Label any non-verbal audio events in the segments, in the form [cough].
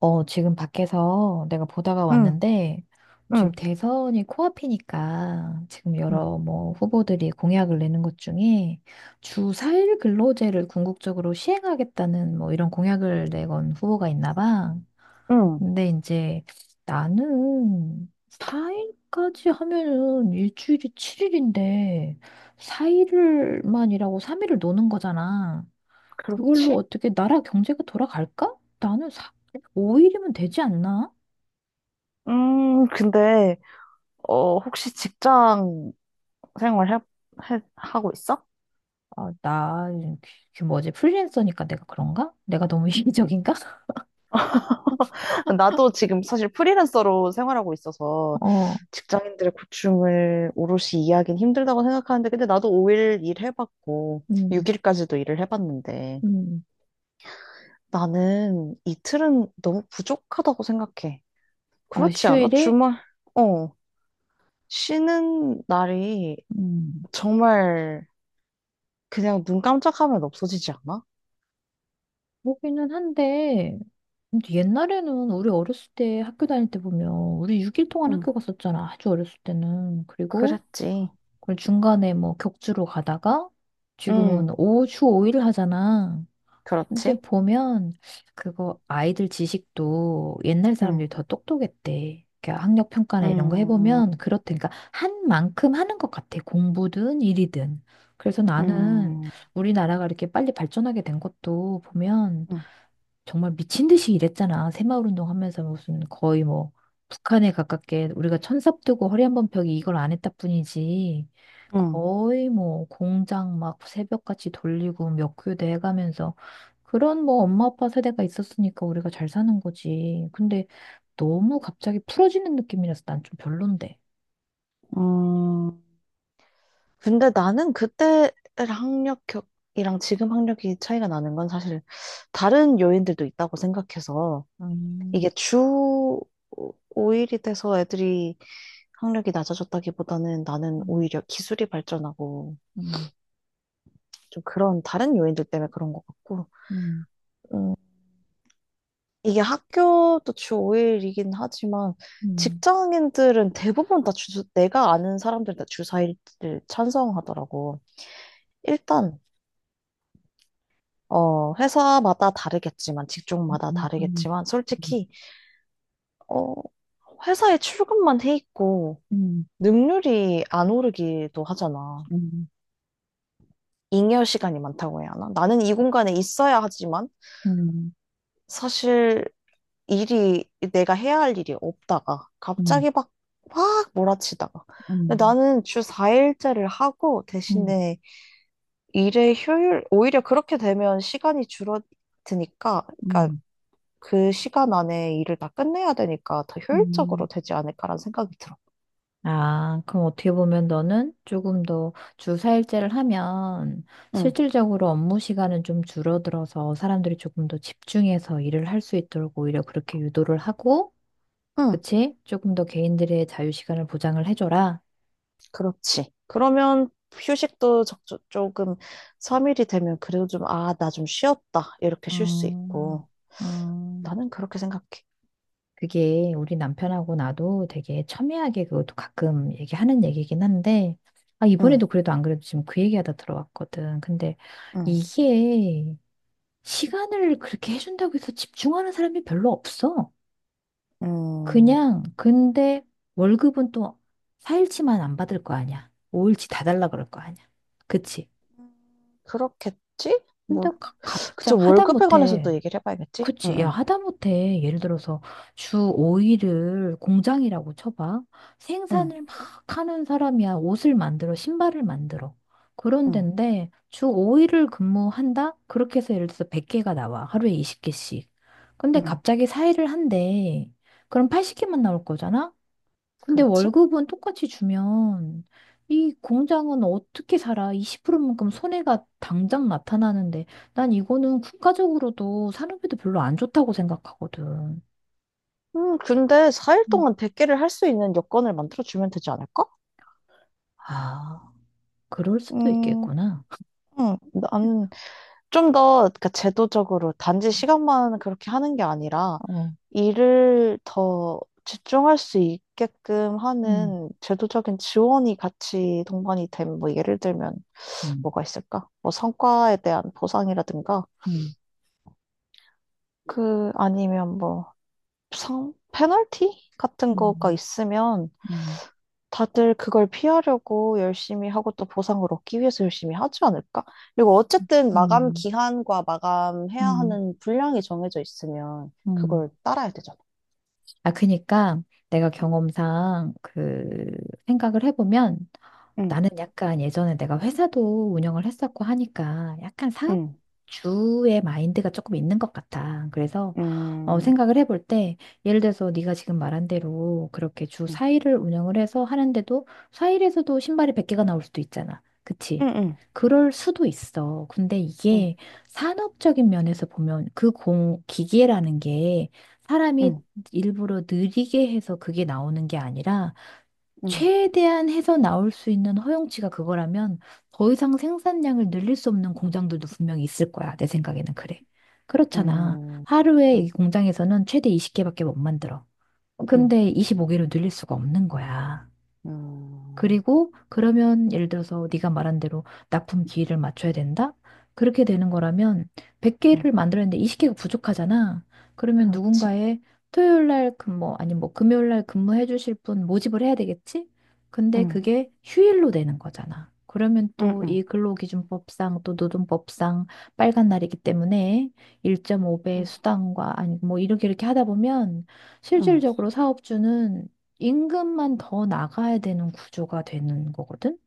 지금 밖에서 내가 보다가 응, 왔는데, 지금 응, 대선이 코앞이니까, 지금 응, 여러 뭐 후보들이 공약을 내는 것 중에 주 4일 근로제를 궁극적으로 시행하겠다는 뭐 이런 공약을 내건 후보가 있나 봐. 응, 근데 이제 나는 4일까지 하면은 일주일이 7일인데, 4일을만이라고 3일을 노는 거잖아. 그걸로 그렇지? 어떻게 나라 경제가 돌아갈까? 나는 5일이면 되지 않나? 근데, 어, 혹시 직장 생활 하고 있어? 아, 그 뭐지, 프리랜서니까 내가 그런가? 내가 너무 [laughs] 음. 이기적인가? 나도 지금 사실 프리랜서로 생활하고 있어서 어, 직장인들의 고충을 오롯이 이해하긴 힘들다고 생각하는데, 근데 나도 5일 일해봤고, 음, 6일까지도 일을 해봤는데, 음. 나는 이틀은 너무 부족하다고 생각해. 아, 그렇지 않아? 휴일에? 주말, 어, 쉬는 날이 음, 정말 그냥 눈 깜짝하면 없어지지 않아? 보기는 한데, 근데 옛날에는 우리 어렸을 때 학교 다닐 때 보면, 우리 6일 동안 응, 학교 갔었잖아. 아주 어렸을 때는. 그리고, 그랬지. 그 중간에 뭐 격주로 가다가, 지금은 응, 주 5일 하잖아. 근데 그렇지? 보면 그거 아이들 지식도 옛날 응, 사람들이 더 똑똑했대. 그러니까 학력 평가나 이런 거 응, 해보면 그렇대. 그러니까 한 만큼 하는 것 같아. 공부든 일이든. 그래서 나는 응, 우리나라가 이렇게 빨리 발전하게 된 것도 보면 응, 정말 미친 듯이 일했잖아. 새마을 운동하면서 무슨 거의 뭐 북한에 가깝게 우리가 천삽 뜨고 허리 한번 펴기 이걸 안 했다 뿐이지. 응. 거의 뭐 공장 막 새벽같이 돌리고 몇 교대 해가면서 그런 뭐 엄마 아빠 세대가 있었으니까 우리가 잘 사는 거지. 근데 너무 갑자기 풀어지는 느낌이라서 난 좀 별론데. 음. 근데 나는 그때 학력이랑 지금 학력이 차이가 나는 건 사실 다른 요인들도 있다고 생각해서 이게 음, 주 5일이 돼서 애들이 학력이 낮아졌다기보다는 나는 음, 오히려 기술이 발전하고 음, 좀 그런 다른 요인들 때문에 그런 것 같고, 음, 이게 학교도 주 5일이긴 하지만 음, 직장인들은 대부분 다 주, 내가 아는 사람들은 다주 4일을 찬성하더라고. 일단, 어, 회사마다 다르겠지만, 직종마다 음, 음, 다르겠지만, 솔직히, 어, 회사에 출근만 해 있고, 음, 음, 능률이 안 오르기도 하잖아. 음, 잉여 시간이 많다고 해야 하나? 나는 이 공간에 있어야 하지만, 음, 사실 일이, 내가 해야 할 일이 없다가 음, 갑자기 막, 확 몰아치다가, 근데 음, 나는 주 4일째를 하고, 음. 대신에 일의 효율 오히려 그렇게 되면 시간이 줄어드니까, 그러니까 음, 그 시간 안에 일을 다 끝내야 되니까 더 효율적으로 음. 되지 않을까라는 생각이 들어. 아, 그럼 어떻게 보면 너는 조금 더 주사일제를 하면 응, 실질적으로 업무 시간은 좀 줄어들어서 사람들이 조금 더 집중해서 일을 할 수 있도록 오히려 그렇게 유도를 하고, 응, 그치? 조금 더 개인들의 자유 시간을 보장을 해줘라. 그렇지. 그러면 휴식도 조금 3일이 되면 그래도 좀, 아, 나 좀 쉬었다, 이렇게 쉴 수 음, 있고. 음. 나는 그렇게 생각해. 그게 우리 남편하고 나도 되게 첨예하게 그것도 가끔 얘기하는 얘기긴 한데, 아, 응, 이번에도 그래도 안 그래도 지금 그 얘기하다 들어왔거든. 근데 응. 이게 시간을 그렇게 해준다고 해서 집중하는 사람이 별로 없어. 음, 그냥, 근데 월급은 또 4일치만 안 받을 거 아니야. 5일치 다 달라 그럴 거 아니야. 그치? 그렇겠지? 근데 뭐, 가, 그치, 갑작 월급에 관해서도 하다못해 얘기를 해봐야겠지? 응, 그치. 야, 응, 하다못해 예를 들어서 주 5일을 공장이라고 쳐봐. 응, 생산을 막 하는 사람이야. 옷을 만들어, 신발을 만들어. 그런 응, 데인데 주 5일을 근무한다? 그렇게 해서 예를 들어서 100개가 나와. 하루에 20개씩. 근데 응, 갑자기 4일을 한대. 그럼 80개만 나올 거잖아? 근데 그렇지? 월급은 똑같이 주면 이 공장은 어떻게 살아? 20%만큼 손해가 당장 나타나는데 난 이거는 국가적으로도 산업에도 별로 안 좋다고 생각하거든. 근데 4일 음, 동안 대개를 할 수 있는 여건을 만들어주면 되지 않을까? 아, 그럴 수도 음, 있겠구나. 음, 나는 좀 더, 그러니까 제도적으로 단지 시간만 그렇게 하는 게 아니라 어, 일을 더 집중할 수 있게끔 음, 하는 제도적인 지원이 같이 동반이 되면, 뭐, 예를 들면, 음, 뭐가 있을까? 뭐 성과에 대한 보상이라든가, 음, 그 아니면 뭐 상, 페널티 같은 거가 음, 있으면 음, 다들 그걸 피하려고 열심히 하고 또 보상을 얻기 위해서 열심히 하지 않을까? 그리고 어쨌든 마감 음, 기한과 마감해야 음, 하는 분량이 정해져 있으면 음. 그걸 따라야 되잖아. 아, 그니까 내가 경험상 그 생각을 해보면 응, 나는 약간 예전에 내가 회사도 운영을 했었고 하니까 약간 응, 사업주의 마인드가 조금 있는 것 같아. 그래서 음, 생각을 해볼 때 예를 들어서 네가 지금 말한 대로 그렇게 주 응, 4일을 운영을 해서 하는데도 4일에서도 신발이 100개가 나올 수도 있잖아. 그치? 응, 응, 그럴 수도 있어. 근데 응, 이게 응, 산업적인 면에서 보면 그 기계라는 게 사람이 응, 일부러 느리게 해서 그게 나오는 게 아니라 응, 최대한 해서 나올 수 있는 허용치가 그거라면 더 이상 생산량을 늘릴 수 없는 공장들도 분명히 있을 거야. 내 생각에는 그래. 그렇잖아. 응, 하루에 이 공장에서는 최대 20개밖에 못 만들어. 응, 근데 25개로 늘릴 수가 없는 거야. 응, 그리고 그러면 예를 들어서 네가 말한 대로 납품 기일을 맞춰야 된다? 그렇게 되는 거라면 응, 100개를 만들었는데 20개가 부족하잖아. 그러면 그렇지. 누군가의 토요일 날 근무 뭐 아니 뭐 금요일 날 근무해 주실 분 모집을 해야 되겠지? 근데 응. 그렇지. 그게 휴일로 되는 거잖아. 그러면 응, 또 이 응, 근로기준법상 또 노동법상 빨간 날이기 때문에 1.5배 응, 수당과 아니 뭐 이렇게 이렇게 하다 보면 응. 실질적으로 사업주는 임금만 더 나가야 되는 구조가 되는 거거든?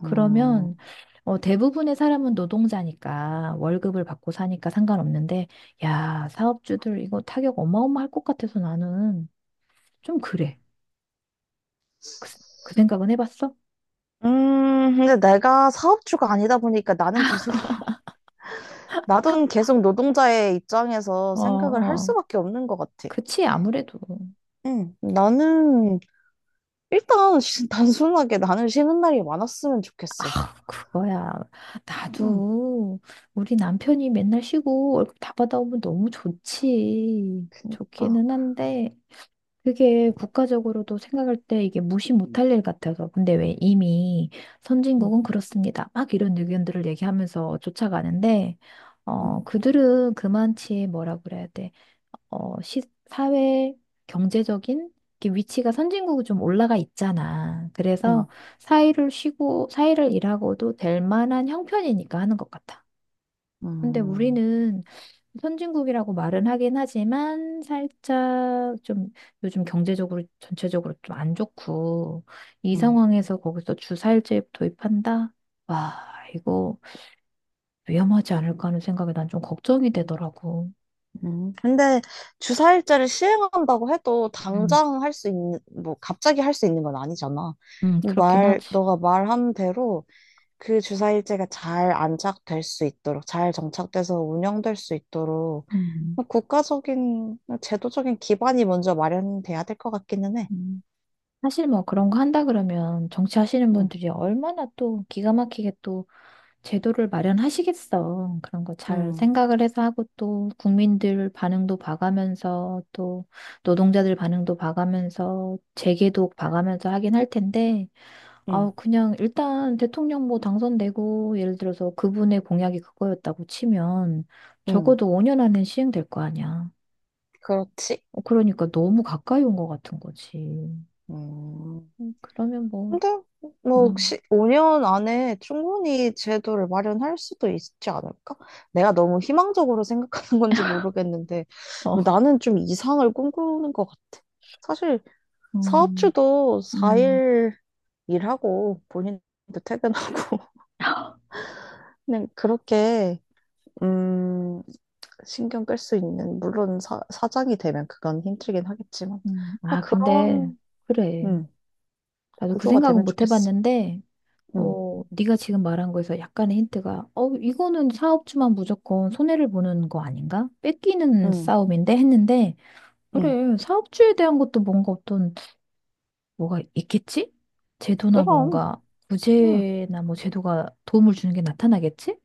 그러면 음, 대부분의 사람은 노동자니까 월급을 받고 사니까 상관없는데, 야, 사업주들 이거 타격 어마어마할 것 같아서 나는 좀 그래. 그, 그 생각은 해봤어? 근데 내가 사업주가 아니다 보니까 나는 계속, [laughs] 나도 계속 노동자의 입장에서 어, 생각을 할 어. 수밖에 없는 것 같아. 그치, 아무래도. 응, 나는, 일단, [laughs] 단순하게 나는 쉬는 날이 많았으면 좋겠어. [laughs] 그거야. 응, 나도 우리 남편이 맨날 쉬고 월급 다 받아오면 너무 좋지. 그니까. 좋기는 한데, 그게 국가적으로도 생각할 때 이게 무시 못할 일 같아서. 근데 왜 이미 응, 선진국은 그렇습니다. 막 이런 의견들을 얘기하면서 쫓아가는데, 응, 그들은 그만치 뭐라 그래야 돼. 사회, 경제적인 이렇게 위치가 선진국이 좀 올라가 있잖아. 응, 그래서 사이를 쉬고, 사이를 일하고도 될 만한 형편이니까 하는 것 같아. 근데 응, 우리는 선진국이라고 말은 하긴 하지만 살짝 좀 요즘 경제적으로 전체적으로 좀 안 좋고 이 응. 상황에서 거기서 주사일제 도입한다? 와, 이거 위험하지 않을까 하는 생각에 난 좀 걱정이 되더라고. 응. 근데 주사일제를 시행한다고 해도 음, 당장 할 수 있는, 뭐, 갑자기 할 수 있는 건 아니잖아. 그렇긴 말, 하지. 너가 말한 대로 그 주사일제가 잘 안착될 수 있도록, 잘 정착돼서 운영될 수 있도록 음, 뭐 국가적인, 제도적인 기반이 먼저 마련돼야 될 것 같기는 해. 음. 사실 뭐 그런 거 한다 그러면 정치하시는 응, 분들이 얼마나 또 기가 막히게 또 제도를 마련하시겠어. 그런 거 잘 응, 생각을 해서 하고 또 국민들 반응도 봐가면서 또 노동자들 반응도 봐가면서 재개도 봐가면서 하긴 할 텐데 응, 아우 그냥 일단 대통령 뭐 당선되고 예를 들어서 그분의 공약이 그거였다고 치면 응, 적어도 5년 안에 시행될 거 아니야. 그렇지. 그러니까 너무 가까이 온 것 같은 거지. 음. 그러면 뭐, 근데 뭐 음, 혹시 5년 안에 충분히 제도를 마련할 수도 있지 않을까? 내가 너무 희망적으로 생각하는 건지 모르겠는데, 어, 뭐 나는 좀 이상을 꿈꾸는 것 같아. 사실 음, 사업주도 음, 4일 일하고 본인도 퇴근하고 [laughs] 그냥 그렇게, 음, 신경 끌 수 있는, 물론 사, 사장이 되면 그건 힘들긴 하겠지만, 그냥 아, 근데, 그런, 그래. 음, 나도 그 구조가 생각은 되면 못 좋겠어. 해봤는데, 음, 네가 지금 말한 거에서 약간의 힌트가, 이거는 사업주만 무조건 손해를 보는 거 아닌가? 뺏기는 음, 싸움인데 했는데, 음. 그래, 사업주에 대한 것도 뭔가 어떤, 뭐가 있겠지? 제도나 그럼 뭔가, 음. 구제나 뭐 제도가 도움을 주는 게 나타나겠지?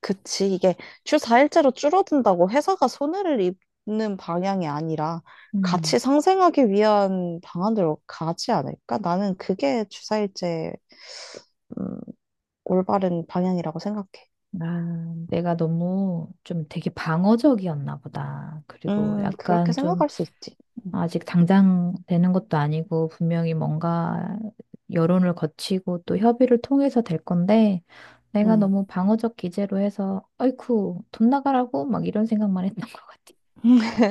그치, 이게 주사일제로 줄어든다고 회사가 손해를 입는 방향이 아니라 음, 같이 상생하기 위한 방안으로 가지 않을까? 나는 그게 주사일제 음, 올바른 방향이라고 생각해. 아, 내가 너무 좀 되게 방어적이었나 보다. 그리고 그렇게 약간 좀 생각할 수 있지. 아직 당장 되는 것도 아니고 분명히 뭔가 여론을 거치고 또 협의를 통해서 될 건데 내가 음. 너무 방어적 기제로 해서 어이쿠 돈 나가라고 막 이런 생각만 했던 것 같아. 음. [laughs]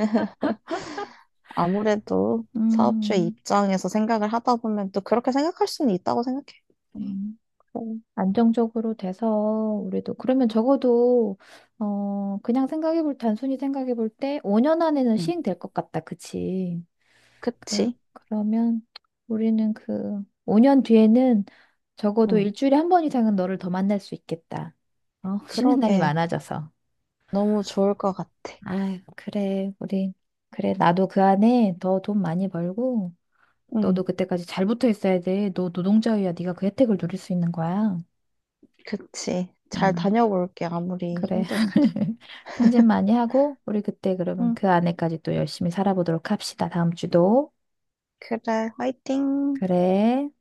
아무래도 사업주의 음, 입장에서 생각을 하다 보면 또 그렇게 생각할 수는 있다고 생각해. 음, 그래. 안정적으로 돼서 우리도 그러면 적어도 그냥 생각해 볼 단순히 생각해 볼 때 5년 안에는 음. 시행될 것 같다. 그치? 그럼, 그치? 그러면 우리는 그 5년 뒤에는 적어도 음. 일주일에 한 번 이상은 너를 더 만날 수 있겠다. [laughs] 쉬는 날이 그러게. 많아져서. 너무 좋을 것 같아. 아유, 그래, 우리. 그래, 나도 그 안에 더 돈 많이 벌고, 너도 음. 그때까지 잘 붙어 있어야 돼. 너 노동자유야. 네가 그 혜택을 누릴 수 있는 거야. 그치. 잘 다 음, 녀볼게 아무리 그래. 힘들어도. [laughs] 승진 많이 하고, 우리 그때 그러면 음. 그 안에까지 또 열심히 살아보도록 합시다. 다음 주도. 그래, 화이팅! 그래.